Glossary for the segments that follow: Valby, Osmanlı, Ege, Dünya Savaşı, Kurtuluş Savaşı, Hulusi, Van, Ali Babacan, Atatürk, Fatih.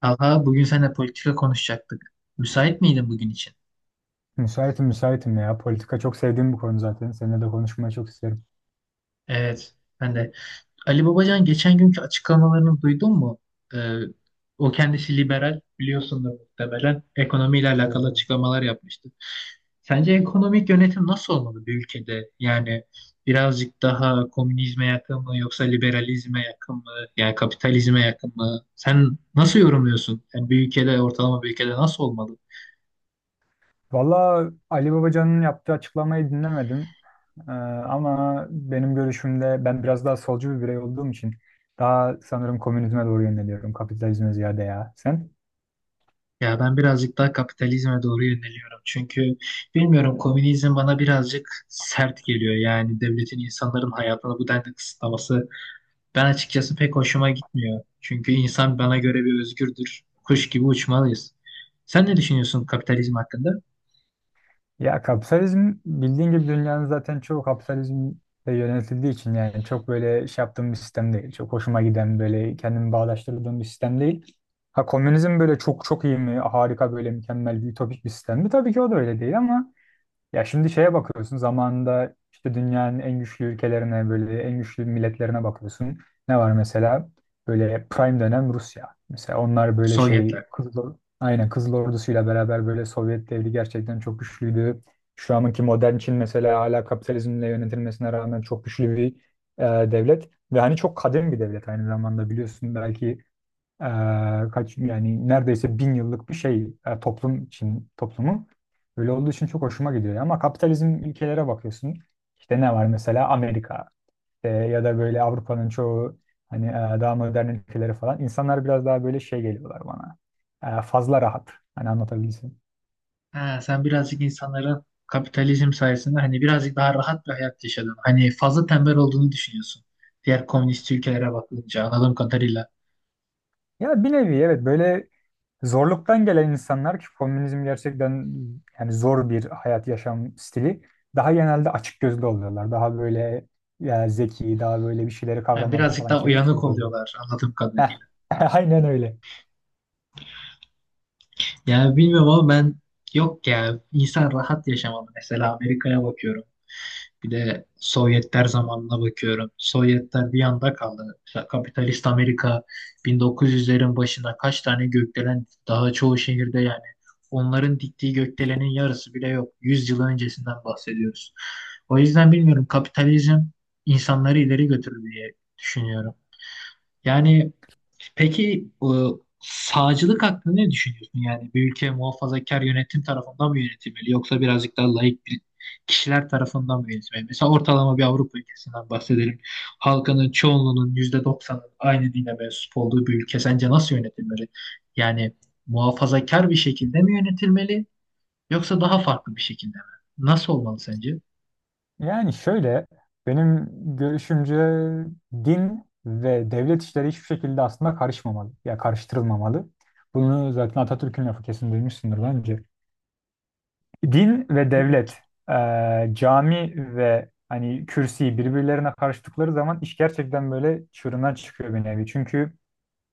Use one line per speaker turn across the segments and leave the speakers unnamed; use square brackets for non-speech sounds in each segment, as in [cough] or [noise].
Talha, bugün seninle politika konuşacaktık. Müsait miydin bugün için?
Müsaitim müsaitim ya. Politika çok sevdiğim bir konu zaten. Seninle de konuşmayı çok isterim.
Evet, ben de. Ali Babacan geçen günkü açıklamalarını duydun mu? Ee, O kendisi liberal, biliyorsundur muhtemelen. Ekonomiyle
Evet,
alakalı
evet.
açıklamalar yapmıştı. Sence ekonomik yönetim nasıl olmalı bir ülkede? Yani birazcık daha komünizme yakın mı yoksa liberalizme yakın mı? Yani kapitalizme yakın mı? Sen nasıl yorumluyorsun? Yani bir ülkede, ortalama bir ülkede nasıl olmalı?
Valla Ali Babacan'ın yaptığı açıklamayı dinlemedim. Ee, Ama benim görüşümde ben biraz daha solcu bir birey olduğum için daha sanırım komünizme doğru yöneliyorum. Kapitalizme ziyade ya. Sen?
Ya ben birazcık daha kapitalizme doğru yöneliyorum. Çünkü bilmiyorum, komünizm bana birazcık sert geliyor. Yani devletin insanların hayatını bu denli kısıtlaması ben açıkçası pek hoşuma gitmiyor. Çünkü insan bana göre bir özgürdür. Kuş gibi uçmalıyız. Sen ne düşünüyorsun kapitalizm hakkında?
Ya kapitalizm bildiğin gibi dünyanın zaten çoğu kapitalizmle yönetildiği için yani çok böyle şey yaptığım bir sistem değil. Çok hoşuma giden böyle kendimi bağdaştırdığım bir sistem değil. Ha, komünizm böyle çok çok iyi mi? Harika böyle mükemmel bir ütopik bir sistem mi? Tabii ki o da öyle değil ama ya şimdi şeye bakıyorsun zamanında işte dünyanın en güçlü ülkelerine böyle en güçlü milletlerine bakıyorsun. Ne var mesela? Böyle prime dönem Rusya. Mesela onlar böyle şey
Sovyetler.
Kızıl, aynen Kızıl Ordusu'yla beraber böyle Sovyet devri gerçekten çok güçlüydü. Şu anki modern Çin mesela hala kapitalizmle yönetilmesine rağmen çok güçlü bir devlet. Ve hani çok kadim bir devlet aynı zamanda biliyorsun belki e, kaç yani neredeyse bin yıllık bir şey toplum için toplumu. Öyle olduğu için çok hoşuma gidiyor. Ama kapitalizm ülkelere bakıyorsun. İşte ne var mesela Amerika ya da böyle Avrupa'nın çoğu hani daha modern ülkeleri falan. İnsanlar biraz daha böyle şey geliyorlar bana. Fazla rahat. Hani anlatabilsin.
Ha, sen birazcık insanların kapitalizm sayesinde hani birazcık daha rahat bir hayat yaşadın. Hani fazla tembel olduğunu düşünüyorsun. Diğer komünist ülkelere bakınca anladığım kadarıyla.
Ya bir nevi evet böyle zorluktan gelen insanlar ki komünizm gerçekten yani zor bir hayat yaşam stili daha genelde açık gözlü oluyorlar. Daha böyle ya zeki, daha böyle bir şeyleri
Yani
kavramada
birazcık
falan
daha
çevik,
uyanık
çevik oluyor.
oluyorlar anladığım
Heh,
kadarıyla.
[laughs] aynen öyle.
Yani bilmiyorum ama ben, yok ya, insan rahat yaşamalı. Mesela Amerika'ya bakıyorum. Bir de Sovyetler zamanına bakıyorum. Sovyetler bir yanda kaldı. Mesela kapitalist Amerika 1900'lerin başında kaç tane gökdelen daha çoğu şehirde yani onların diktiği gökdelenin yarısı bile yok. 100 yıl öncesinden bahsediyoruz. O yüzden bilmiyorum, kapitalizm insanları ileri götürür diye düşünüyorum. Yani peki sağcılık hakkında ne düşünüyorsun? Yani bir ülke muhafazakar yönetim tarafından mı yönetilmeli yoksa birazcık daha laik bir kişiler tarafından mı yönetilmeli? Mesela ortalama bir Avrupa ülkesinden bahsedelim. Halkının çoğunluğunun %90'ın aynı dine mensup olduğu bir ülke sence nasıl yönetilmeli? Yani muhafazakar bir şekilde mi yönetilmeli yoksa daha farklı bir şekilde mi? Nasıl olmalı sence?
Yani şöyle benim görüşümce din ve devlet işleri hiçbir şekilde aslında karışmamalı. Ya karıştırılmamalı. Bunu zaten Atatürk'ün lafı kesin duymuşsundur bence. Din ve devlet, cami ve hani kürsi birbirlerine karıştıkları zaman iş gerçekten böyle çığırından çıkıyor bir nevi. Çünkü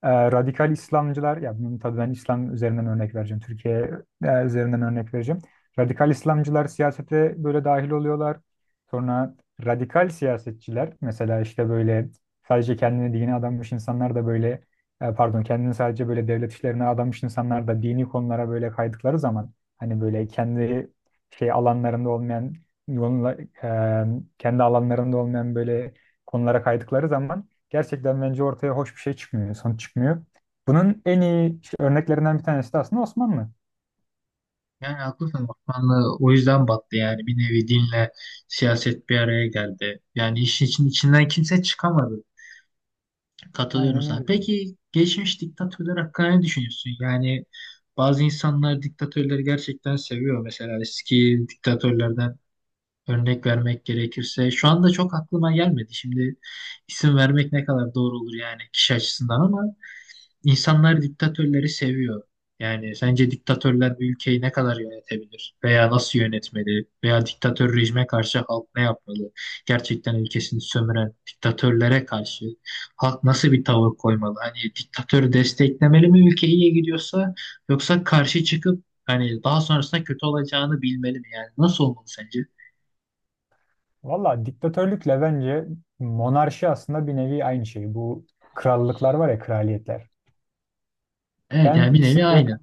radikal İslamcılar, ya bunun tabii ben İslam üzerinden örnek vereceğim, Türkiye üzerinden örnek vereceğim. Radikal İslamcılar siyasete böyle dahil oluyorlar. Sonra radikal siyasetçiler, mesela işte böyle sadece kendini dine adamış insanlar da böyle, pardon kendini sadece böyle devlet işlerine adamış insanlar da dini konulara böyle kaydıkları zaman, hani böyle kendi şey alanlarında olmayan, yolunla- e, kendi alanlarında olmayan böyle konulara kaydıkları zaman gerçekten bence ortaya hoş bir şey çıkmıyor, sonuç çıkmıyor. Bunun en iyi işte örneklerinden bir tanesi de aslında Osmanlı.
Yani haklısın, Osmanlı o yüzden battı, yani bir nevi dinle siyaset bir araya geldi. Yani işin için, içinden kimse çıkamadı. Katılıyorum
Aynen
sana.
öyle.
Peki geçmiş diktatörler hakkında ne düşünüyorsun? Yani bazı insanlar diktatörleri gerçekten seviyor. Mesela eski diktatörlerden örnek vermek gerekirse şu anda çok aklıma gelmedi. Şimdi isim vermek ne kadar doğru olur yani kişi açısından ama İnsanlar diktatörleri seviyor. Yani sence diktatörler bir ülkeyi ne kadar yönetebilir? Veya nasıl yönetmeli? Veya diktatör rejime karşı halk ne yapmalı? Gerçekten ülkesini sömüren diktatörlere karşı halk nasıl bir tavır koymalı? Hani diktatörü desteklemeli mi ülke iyiye gidiyorsa yoksa karşı çıkıp hani daha sonrasında kötü olacağını bilmeli mi? Yani nasıl olmalı sence?
Valla diktatörlükle bence monarşi aslında bir nevi aynı şey. Bu krallıklar var ya, kraliyetler.
Evet,
Ben
yani bir
ikisini
nevi
böyle
aynı.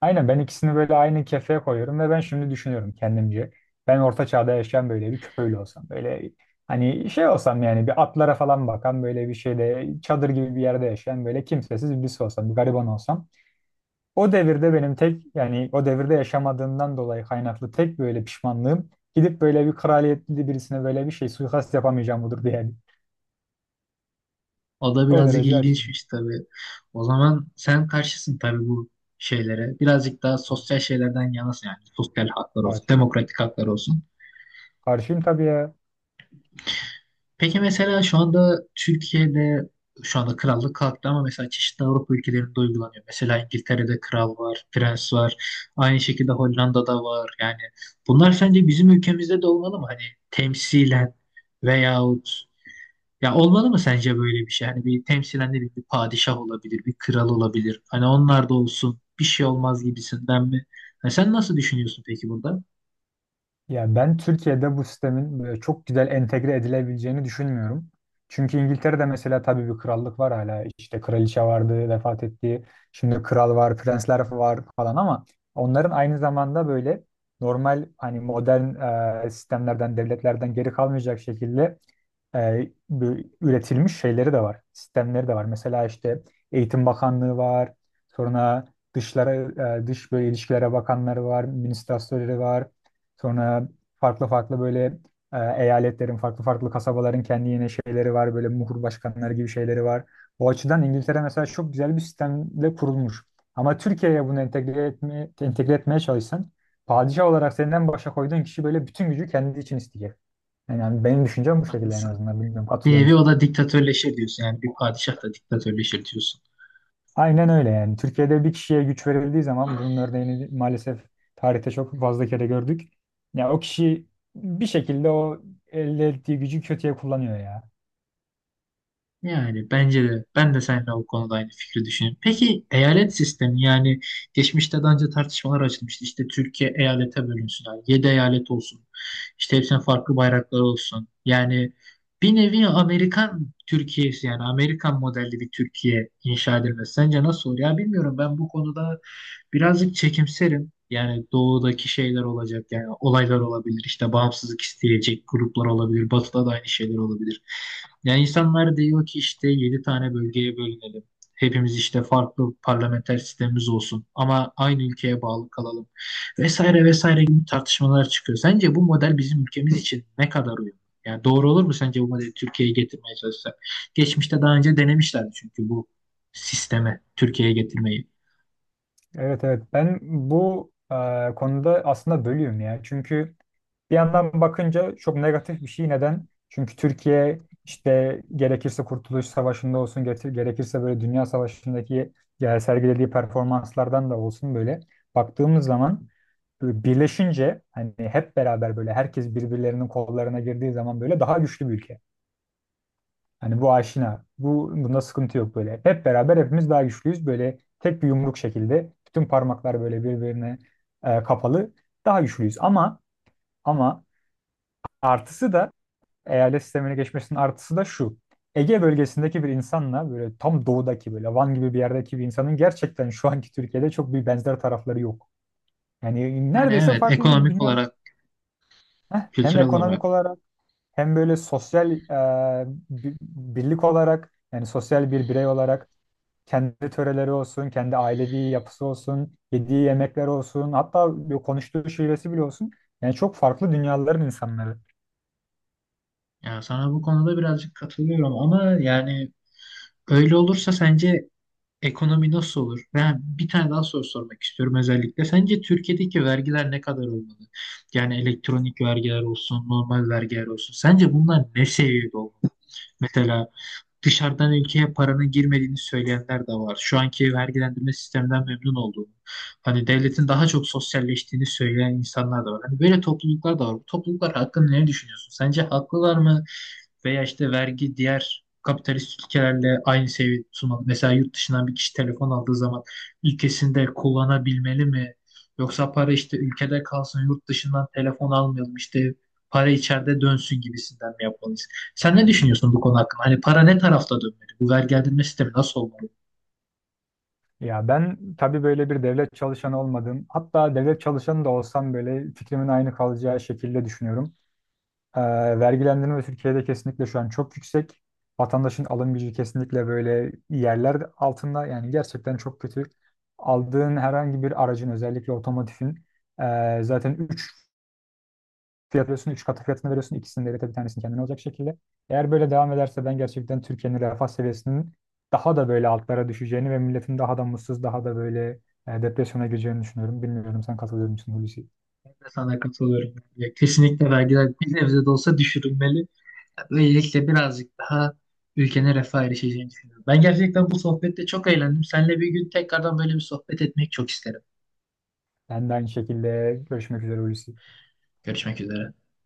aynen Ben ikisini böyle aynı kefeye koyuyorum ve ben şimdi düşünüyorum kendimce. Ben orta çağda yaşayan böyle bir köylü olsam, böyle hani şey olsam, yani bir atlara falan bakan böyle bir şeyde çadır gibi bir yerde yaşayan böyle kimsesiz birisi olsam, bir gariban olsam. O devirde benim tek yani o devirde yaşamadığımdan dolayı kaynaklı tek böyle pişmanlığım gidip böyle bir kraliyetli birisine böyle bir şey suikast yapamayacağım budur diye.
O da
O
birazcık
derece açığım.
ilginçmiş tabii. O zaman sen karşısın tabii bu şeylere. Birazcık daha sosyal şeylerden yanasın yani. Sosyal haklar olsun,
Fatih'im tabii
demokratik
ya.
haklar olsun.
Karşıyım tabii ya.
Peki mesela şu anda Türkiye'de, şu anda krallık kalktı ama mesela çeşitli Avrupa ülkelerinde uygulanıyor. Mesela İngiltere'de kral var, prens var. Aynı şekilde Hollanda'da var. Yani bunlar sence bizim ülkemizde de olmalı mı? Hani temsilen veyahut ya olmalı mı sence böyle bir şey? Hani bir temsilen ne bileyim, bir padişah olabilir, bir kral olabilir. Hani onlar da olsun, bir şey olmaz gibisinden mi? Ha, sen nasıl düşünüyorsun peki burada?
Ya ben Türkiye'de bu sistemin böyle çok güzel entegre edilebileceğini düşünmüyorum. Çünkü İngiltere'de mesela tabii bir krallık var hala. İşte kraliçe vardı, vefat etti. Şimdi kral var, prensler var falan ama onların aynı zamanda böyle normal hani modern sistemlerden, devletlerden geri kalmayacak şekilde bu üretilmiş şeyleri de var. Sistemleri de var. Mesela işte Eğitim Bakanlığı var. Sonra dışlara, dış böyle ilişkilere bakanları var, ministrasörleri var. Sonra farklı farklı böyle e, eyaletlerin, farklı farklı kasabaların kendi yine şeyleri var. Böyle muhur başkanları gibi şeyleri var. O açıdan İngiltere mesela çok güzel bir sistemle kurulmuş. Ama Türkiye'ye bunu entegre etmeye çalışsan padişah olarak senden başa koyduğun kişi böyle bütün gücü kendi için isteyecek. Yani benim düşüncem bu şekilde en
Haklısın.
azından. Bilmiyorum
Bir
katılıyor
nevi o da diktatörleşir diyorsun. Yani bir padişah da diktatörleşir diyorsun.
aynen öyle yani. Türkiye'de bir kişiye güç verildiği zaman bunun örneğini maalesef tarihte çok fazla kere gördük. Ya o kişi bir şekilde o elde ettiği gücü kötüye kullanıyor ya.
Yani bence de, ben de seninle o konuda aynı fikri düşünüyorum. Peki eyalet sistemi, yani geçmişte daha önce tartışmalar açılmıştı. İşte Türkiye eyalete bölünsün. Yani 7 eyalet olsun. İşte hepsinin farklı bayrakları olsun. Yani bir nevi Amerikan Türkiye'si, yani Amerikan modelli bir Türkiye inşa edilmesi. Sence nasıl olur? Ya bilmiyorum, ben bu konuda birazcık çekimserim. Yani doğudaki şeyler olacak, yani olaylar olabilir, işte bağımsızlık isteyecek gruplar olabilir, batıda da aynı şeyler olabilir. Yani insanlar diyor ki işte 7 tane bölgeye bölünelim. Hepimiz işte farklı parlamenter sistemimiz olsun ama aynı ülkeye bağlı kalalım vesaire vesaire gibi tartışmalar çıkıyor. Sence bu model bizim ülkemiz için ne kadar uyumlu? Yani doğru olur mu sence bu modeli Türkiye'ye getirmeye çalışsak? Geçmişte daha önce denemişlerdi çünkü bu sisteme Türkiye'ye getirmeyi.
Evet, evet ben bu konuda aslında bölüyorum ya. Çünkü bir yandan bakınca çok negatif bir şey. Neden? Çünkü Türkiye işte gerekirse Kurtuluş Savaşı'nda olsun getir, gerekirse böyle Dünya Savaşı'ndaki ya sergilediği performanslardan da olsun böyle baktığımız zaman böyle birleşince hani hep beraber böyle herkes birbirlerinin kollarına girdiği zaman böyle daha güçlü bir ülke. Hani bu aşina. Bunda sıkıntı yok böyle. Hep beraber hepimiz daha güçlüyüz. Böyle tek bir yumruk şekilde. Bütün parmaklar böyle birbirine kapalı. Daha güçlüyüz. Ama artısı da eyalet sistemine geçmesinin artısı da şu. Ege bölgesindeki bir insanla böyle tam doğudaki böyle Van gibi bir yerdeki bir insanın gerçekten şu anki Türkiye'de çok bir benzer tarafları yok. Yani
Yani
neredeyse
evet,
farklı bir
ekonomik
dünya.
olarak,
Heh, hem
kültürel olarak.
ekonomik olarak hem böyle sosyal birlik olarak yani sosyal bir birey olarak kendi töreleri olsun, kendi ailevi yapısı olsun, yediği yemekler olsun, hatta bir konuştuğu şivesi bile olsun. Yani çok farklı dünyaların insanları.
Yani sana bu konuda birazcık katılıyorum ama yani öyle olursa sence ekonomi nasıl olur? Ben bir tane daha soru sormak istiyorum özellikle. Sence Türkiye'deki vergiler ne kadar olmalı? Yani elektronik vergiler olsun, normal vergiler olsun. Sence bunlar ne seviyede olmalı? Mesela dışarıdan ülkeye paranın girmediğini söyleyenler de var. Şu anki vergilendirme sisteminden memnun olduğunu, hani devletin daha çok sosyalleştiğini söyleyen insanlar da var. Hani böyle topluluklar da var. Bu topluluklar hakkında ne düşünüyorsun? Sence haklılar mı? Veya işte vergi diğer kapitalist ülkelerle aynı seviyede tutulmalı. Mesela yurt dışından bir kişi telefon aldığı zaman ülkesinde kullanabilmeli mi? Yoksa para işte ülkede kalsın, yurt dışından telefon almayalım, işte para içeride dönsün gibisinden mi yapmalı? Sen ne düşünüyorsun bu konu hakkında? Hani para ne tarafta dönmeli? Bu vergilendirme sistemi nasıl olmalı?
Ya ben tabii böyle bir devlet çalışanı olmadım. Hatta devlet çalışanı da olsam böyle fikrimin aynı kalacağı şekilde düşünüyorum. Ee, Vergilendirme Türkiye'de kesinlikle şu an çok yüksek. Vatandaşın alım gücü kesinlikle böyle yerler altında. Yani gerçekten çok kötü. Aldığın herhangi bir aracın özellikle otomotivin zaten 3 katı fiyatını veriyorsun. İkisini de bir tanesini kendine olacak şekilde. Eğer böyle devam ederse ben gerçekten Türkiye'nin refah seviyesinin daha da böyle altlara düşeceğini ve milletin daha da mutsuz, daha da böyle depresyona gireceğini düşünüyorum. Bilmiyorum sen katılıyor musun, Hulusi?
Ben de sana katılıyorum. Ya kesinlikle vergiler bir nebze de olsa düşürülmeli. Böylelikle birazcık daha ülkenin refaha erişeceğini düşünüyorum. Ben gerçekten bu sohbette çok eğlendim. Seninle bir gün tekrardan böyle bir sohbet etmek çok isterim.
Ben de aynı şekilde görüşmek üzere, Hulusi.
Görüşmek üzere.